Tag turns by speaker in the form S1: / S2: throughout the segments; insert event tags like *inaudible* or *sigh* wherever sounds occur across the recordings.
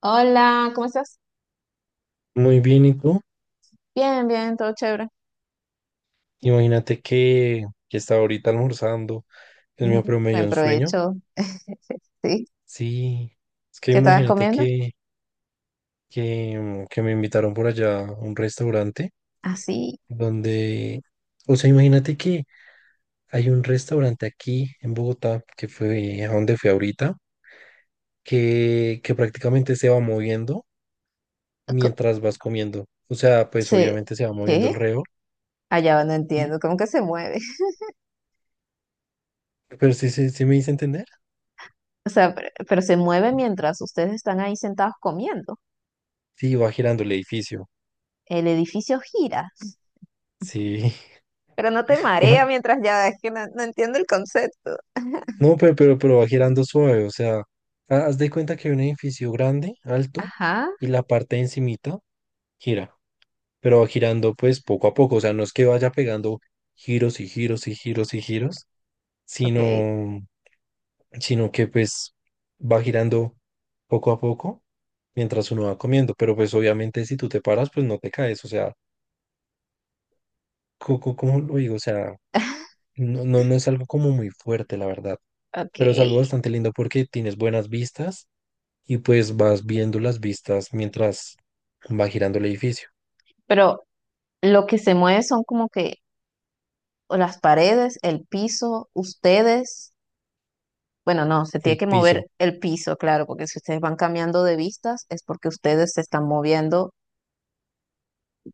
S1: Hola, ¿cómo estás?
S2: Muy bien, ¿y tú?
S1: Bien, bien, todo chévere.
S2: Imagínate que estaba ahorita almorzando, el mío
S1: Ujú,
S2: pero me dio
S1: buen
S2: un sueño.
S1: provecho. *laughs* Sí,
S2: Sí, es que
S1: ¿qué estabas
S2: imagínate
S1: comiendo?
S2: que que me invitaron por allá a un restaurante
S1: Así,
S2: donde, o sea, imagínate que hay un restaurante aquí en Bogotá, que fue a donde fui ahorita, que prácticamente se va moviendo mientras vas comiendo. O sea, pues
S1: se,
S2: obviamente se va moviendo
S1: ¿qué?
S2: alrededor,
S1: Allá va, no
S2: y-
S1: entiendo, ¿cómo que se mueve? *laughs*
S2: pero sí, sí, sí me hice entender.
S1: O sea, pero se mueve mientras ustedes están ahí sentados comiendo.
S2: Sí, va girando el edificio.
S1: El edificio gira,
S2: Sí.
S1: pero no te
S2: *laughs* Ajá.
S1: marea mientras ya, es que no, no entiendo el concepto.
S2: No, pero va girando suave, o sea, haz de cuenta que hay un edificio grande, alto,
S1: Ajá,
S2: y la parte de encimita gira, pero va girando pues poco a poco, o sea, no es que vaya pegando giros y giros y giros y giros,
S1: ok,
S2: sino, sino que pues va girando poco a poco mientras uno va comiendo, pero pues obviamente si tú te paras, pues no te caes, o sea, ¿cómo lo digo? O sea, no es algo como muy fuerte, la verdad,
S1: ok.
S2: pero es algo bastante lindo porque tienes buenas vistas y pues vas viendo las vistas mientras va girando el edificio,
S1: Pero lo que se mueve son como que o las paredes, el piso, ustedes. Bueno, no, se tiene
S2: el
S1: que mover
S2: piso.
S1: el piso, claro, porque si ustedes van cambiando de vistas es porque ustedes se están moviendo.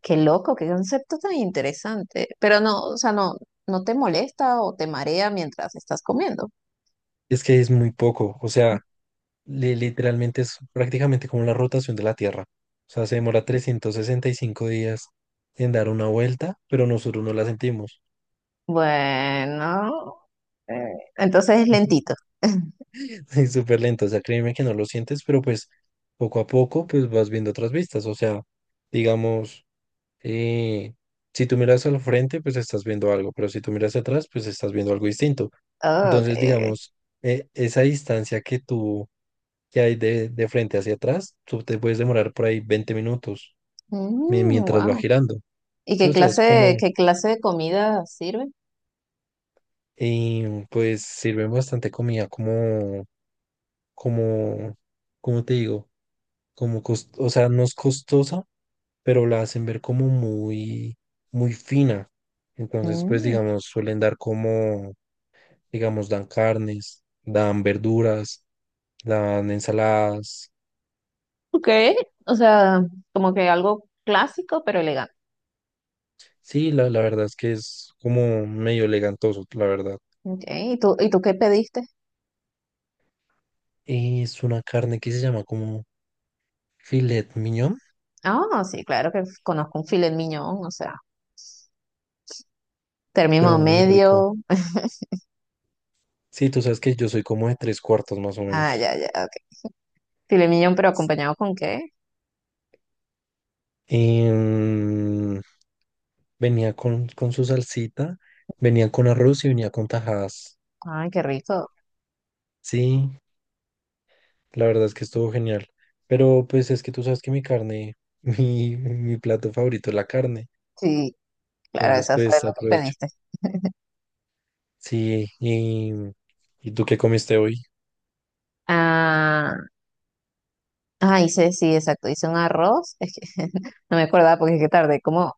S1: Qué loco, qué concepto tan interesante. Pero no, o sea, no, no te molesta o te marea mientras estás comiendo.
S2: Es que es muy poco, o sea, literalmente es prácticamente como la rotación de la Tierra. O sea, se demora 365 días en dar una vuelta, pero nosotros no la sentimos.
S1: Bueno, eh, entonces es
S2: *laughs*
S1: lentito.
S2: Es súper lento, o sea, créeme que no lo sientes, pero pues poco a poco pues vas viendo otras vistas, o sea, digamos... eh, si tú miras al frente, pues estás viendo algo, pero si tú miras atrás, pues estás viendo algo distinto.
S1: Ah, ok,
S2: Entonces,
S1: ok.
S2: digamos, esa distancia que hay de frente hacia atrás, tú te puedes demorar por ahí 20 minutos mientras va
S1: Wow.
S2: girando.
S1: ¿Y
S2: Sí, o sea, es como,
S1: qué clase de comida sirve?
S2: pues sirven bastante comida como, como te digo, o sea, no es costosa, pero la hacen ver como muy fina. Entonces, pues
S1: Mm,
S2: digamos, suelen dar como digamos, dan carnes, dan verduras, dan ensaladas.
S1: ok, o sea, como que algo clásico pero elegante.
S2: Sí, la verdad es que es como medio elegantoso, la verdad.
S1: Okay. Y tú qué pediste?
S2: Es una carne que se llama como filet mignon,
S1: Ah, no, sí, claro que conozco un filet mignon, o sea,
S2: pero
S1: término
S2: muy rico.
S1: medio.
S2: Sí, tú sabes que yo soy como de tres cuartos más o
S1: Ah,
S2: menos.
S1: ya, ya, ok. Filet mignon, ¿pero acompañado con qué?
S2: Em, Venía con su salsita, venía con arroz y venía con tajadas.
S1: Ay, qué rico.
S2: Sí, la verdad es que estuvo genial. Pero pues es que tú sabes que mi carne, *laughs* mi plato favorito es la carne.
S1: Sí, claro,
S2: Entonces,
S1: eso fue
S2: pues
S1: lo que
S2: aprovecho.
S1: pediste.
S2: Sí, ¿y tú qué comiste hoy?
S1: Ah, sí, exacto, hice un arroz. Es que *laughs* no me acordaba porque es que tardé como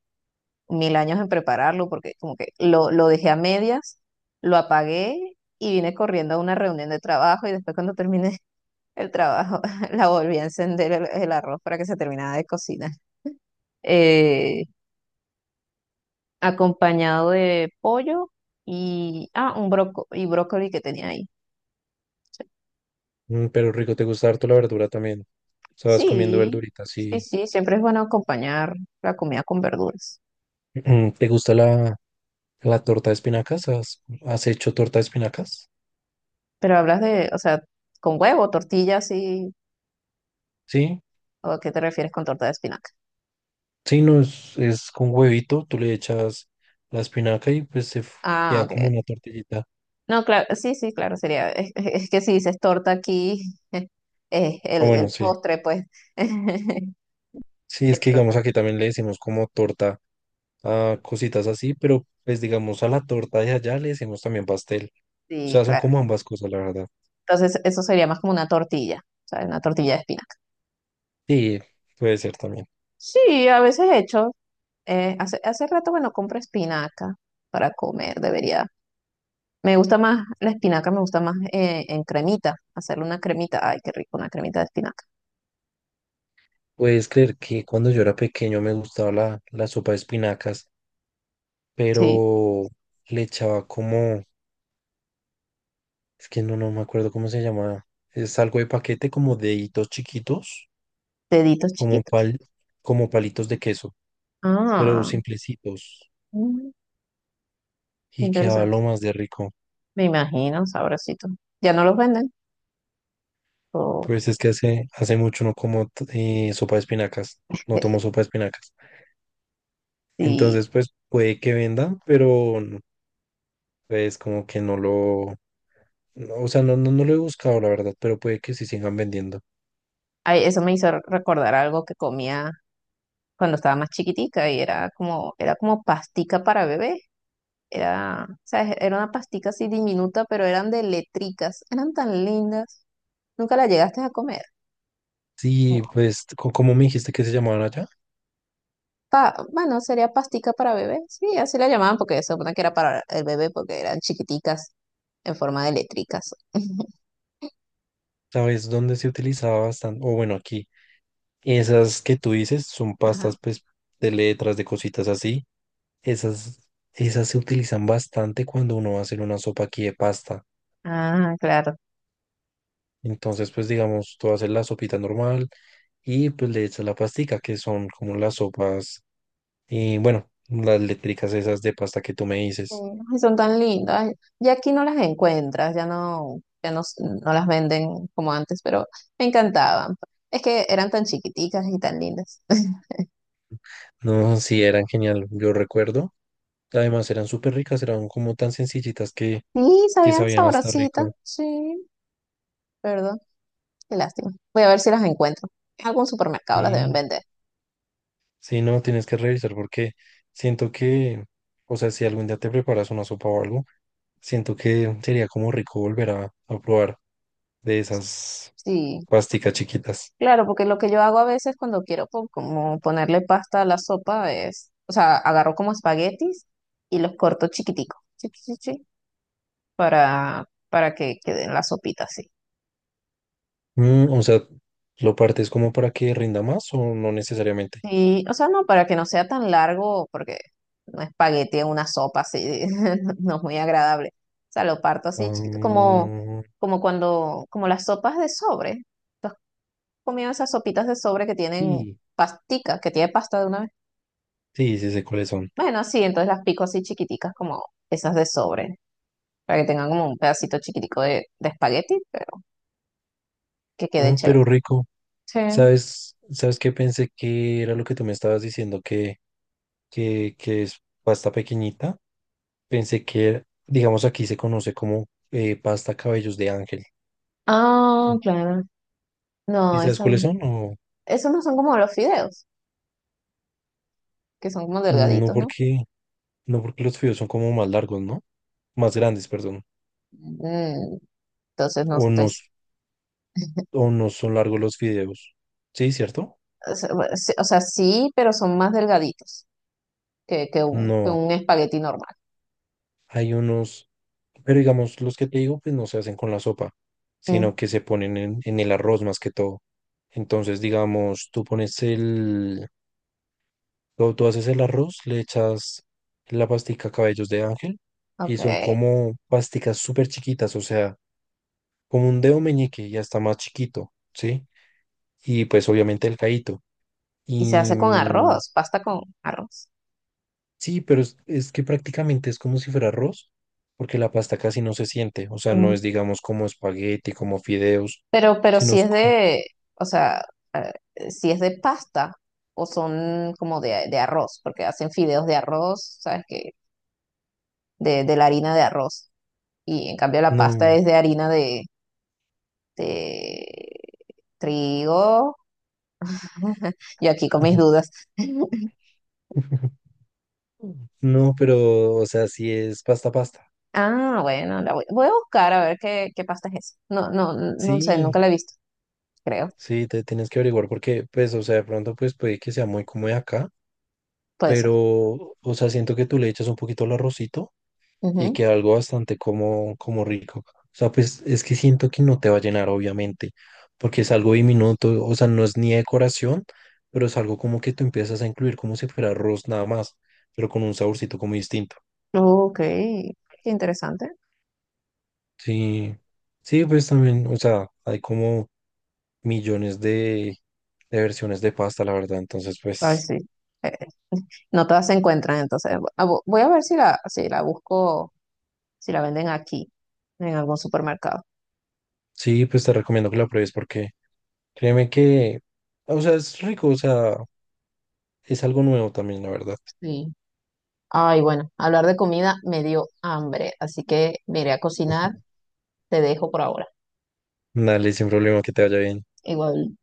S1: mil años en prepararlo, porque como que lo dejé a medias, lo apagué y vine corriendo a una reunión de trabajo y después cuando terminé el trabajo, *laughs* la volví a encender el arroz para que se terminara de cocinar. Eh, Acompañado de pollo y, ah, un broco y brócoli que tenía ahí.
S2: Mm, pero rico, te gusta harto la verdura también. O sea, vas comiendo
S1: Sí,
S2: verduritas,
S1: sí,
S2: sí.
S1: sí, siempre es bueno acompañar la comida con verduras.
S2: Mm, *clears throat* ¿Te gusta la torta de espinacas? ¿Has, has hecho torta de espinacas?
S1: Pero hablas de, o sea, con huevo, tortilla, sí,
S2: Sí,
S1: ¿o a qué te refieres con torta de espinaca?
S2: sí, no, es con huevito, tú le echas la espinaca y pues
S1: Ah,
S2: queda
S1: ok.
S2: como una tortillita.
S1: No, claro, sí, sí, claro, sería, es que si dices torta aquí, *laughs* es
S2: Ah, bueno,
S1: el
S2: sí.
S1: postre, pues. *laughs*
S2: Sí, es que digamos
S1: Entonces,
S2: aquí también le decimos como torta a cositas así, pero pues digamos a la torta de allá le decimos también pastel. O
S1: sí,
S2: sea, son
S1: claro.
S2: como ambas cosas, la verdad.
S1: Entonces, eso sería más como una tortilla, ¿sabes? Una tortilla de espinaca.
S2: Sí, puede ser también.
S1: Sí, a veces he hecho. Hace rato, bueno, compro espinaca para comer, debería. Me gusta más, la espinaca me gusta más en cremita, hacerle una cremita. Ay, qué rico, una cremita de espinaca.
S2: ¿Puedes creer que cuando yo era pequeño me gustaba la sopa de espinacas,
S1: Sí,
S2: pero le echaba como, es que no me acuerdo cómo se llamaba, es algo de paquete como deditos chiquitos,
S1: deditos
S2: como
S1: chiquitos.
S2: pal, como palitos de queso, pero
S1: Ah,
S2: simplecitos,
S1: mm,
S2: y quedaba
S1: interesante.
S2: lo más de rico.
S1: Me imagino, sabrosito. ¿Ya no los venden? O
S2: Pues es que hace mucho no como t- sopa de espinacas, no tomo
S1: *laughs*
S2: sopa de espinacas. Entonces,
S1: sí.
S2: pues puede que venda, pero pues como que no lo... No, o sea, no lo he buscado, la verdad, pero puede que sí sigan vendiendo.
S1: Ay, eso me hizo recordar algo que comía cuando estaba más chiquitica y era como pastica para bebé. Era, ¿sabes? Era una pastica así diminuta, pero eran de letricas. Eran tan lindas. Nunca la llegaste a comer.
S2: Sí, pues, como me dijiste que se llamaban allá?
S1: Pa- bueno, sería pastica para bebé. Sí, así la llamaban porque se supone que era para el bebé porque eran chiquiticas en forma de letricas. *laughs*
S2: ¿Sabes dónde se utilizaba bastante? O bueno, aquí. Esas que tú dices son
S1: Ajá.
S2: pastas, pues, de letras, de cositas así. Esas, Esas se utilizan bastante cuando uno va a hacer una sopa aquí de pasta.
S1: Ah, claro.
S2: Entonces, pues, digamos, tú haces la sopita normal y pues le echas la pastica, que son como las sopas, y bueno, las eléctricas esas de pasta que tú me
S1: Sí.
S2: dices.
S1: Ay, son tan lindas. Ya aquí no las encuentras, ya no, ya no, s- no las venden como antes, pero me encantaban. Es que eran tan chiquiticas y tan lindas. *laughs*
S2: No, sí, eran genial, yo recuerdo. Además eran súper ricas, eran como tan sencillitas
S1: Sí,
S2: que
S1: sabían
S2: sabían hasta rico.
S1: sabrositas. Sí, perdón. Qué lástima. Voy a ver si las encuentro. En algún supermercado las deben
S2: Sí.
S1: vender.
S2: Sí, no, tienes que revisar porque siento que, o sea, si algún día te preparas una sopa o algo, siento que sería como rico volver a probar de esas
S1: Sí.
S2: pasticas chiquitas.
S1: Claro, porque lo que yo hago a veces cuando quiero po- como ponerle pasta a la sopa es, o sea, agarro como espaguetis y los corto chiquiticos, chi, chi, chi, chi, para que queden la sopita así.
S2: Mm, o sea, ¿lo partes como para que rinda más o no necesariamente?
S1: Y, o sea, no, para que no sea tan largo, porque un espagueti en una sopa así *laughs* no es muy agradable. O sea, lo parto así chiquito,
S2: Ah,
S1: como cuando, como las sopas de sobre. ¿Tú has comido esas sopitas de sobre que tienen
S2: sí.
S1: pastica, que tiene pasta de una vez?
S2: Sí, sí sé cuáles son.
S1: Bueno, sí, entonces las pico así chiquiticas, como esas de sobre, para que tengan como un pedacito chiquitico de espagueti, pero que quede
S2: Mm,
S1: chévere.
S2: pero rico.
S1: Sí.
S2: ¿Sabes? ¿Sabes qué pensé que era lo que tú me estabas diciendo? Que es pasta pequeñita. Pensé que, digamos, aquí se conoce como pasta cabellos de ángel.
S1: Ah,
S2: Eh,
S1: claro.
S2: ¿Y
S1: No,
S2: sabes
S1: eso
S2: cuáles
S1: no.
S2: son? No,
S1: Esos no son como los fideos, que son como
S2: no
S1: delgaditos, ¿no?
S2: porque, no porque los fideos son como más largos, ¿no? Más grandes, perdón.
S1: Mm, entonces no
S2: O
S1: estoy.
S2: no, s-
S1: S-
S2: o no son largos los fideos. ¿Sí, cierto?
S1: O sea, bueno, sí- o sea, sí, pero son más delgaditos que, que
S2: No,
S1: un espagueti normal.
S2: hay unos, pero digamos, los que te digo, pues no se hacen con la sopa,
S1: Mm,
S2: sino que se ponen en el arroz más que todo. Entonces, digamos, tú pones el, tú haces el arroz, le echas la pastica cabellos de ángel
S1: ok.
S2: y son como pasticas súper chiquitas, o sea, como un dedo meñique y hasta más chiquito, ¿sí? Y pues obviamente el caíto.
S1: Y se
S2: Y
S1: hace con
S2: mm,
S1: arroz, pasta con arroz.
S2: sí, pero es que prácticamente es como si fuera arroz, porque la pasta casi no se siente, o sea, no es digamos como espagueti, como fideos,
S1: Pero
S2: sino
S1: si
S2: es
S1: es
S2: co-
S1: de, o sea, si es de pasta o son como de arroz, porque hacen fideos de arroz, ¿sabes qué? De la harina de arroz. Y en cambio la pasta
S2: No.
S1: es de harina de trigo. *laughs* Yo aquí con mis
S2: *laughs*
S1: dudas. *laughs*
S2: No, pero, o sea, sí es pasta pasta.
S1: Ah, bueno, voy a buscar a ver qué, qué pasta es esa. No, no, no sé, nunca
S2: Sí.
S1: la he visto, creo.
S2: Sí, te tienes que averiguar porque, pues, o sea, de pronto, pues, puede que sea muy como de acá,
S1: Puede ser.
S2: pero, o sea, siento que tú le echas un poquito al arrocito y
S1: Ujú.
S2: queda algo bastante como, como rico. O sea, pues, es que siento que no te va a llenar, obviamente, porque es algo diminuto, o sea, no es ni decoración, pero es algo como que tú empiezas a incluir como si fuera arroz nada más, pero con un saborcito como distinto.
S1: Ok, qué interesante.
S2: Sí, sí, pues también, o sea, hay como millones de versiones de pasta, la verdad, entonces,
S1: Ay,
S2: pues...
S1: sí. No todas se encuentran, entonces ah, vo- voy a ver si la, si la busco, si la venden aquí, en algún supermercado.
S2: Sí, pues te recomiendo que lo pruebes porque créeme que, o sea, es rico, o sea, es algo nuevo también, la verdad.
S1: Sí. Ay, bueno, hablar de comida me dio hambre, así que me iré a cocinar. Te dejo por ahora.
S2: Dale, sin problema, que te vaya bien.
S1: Igual.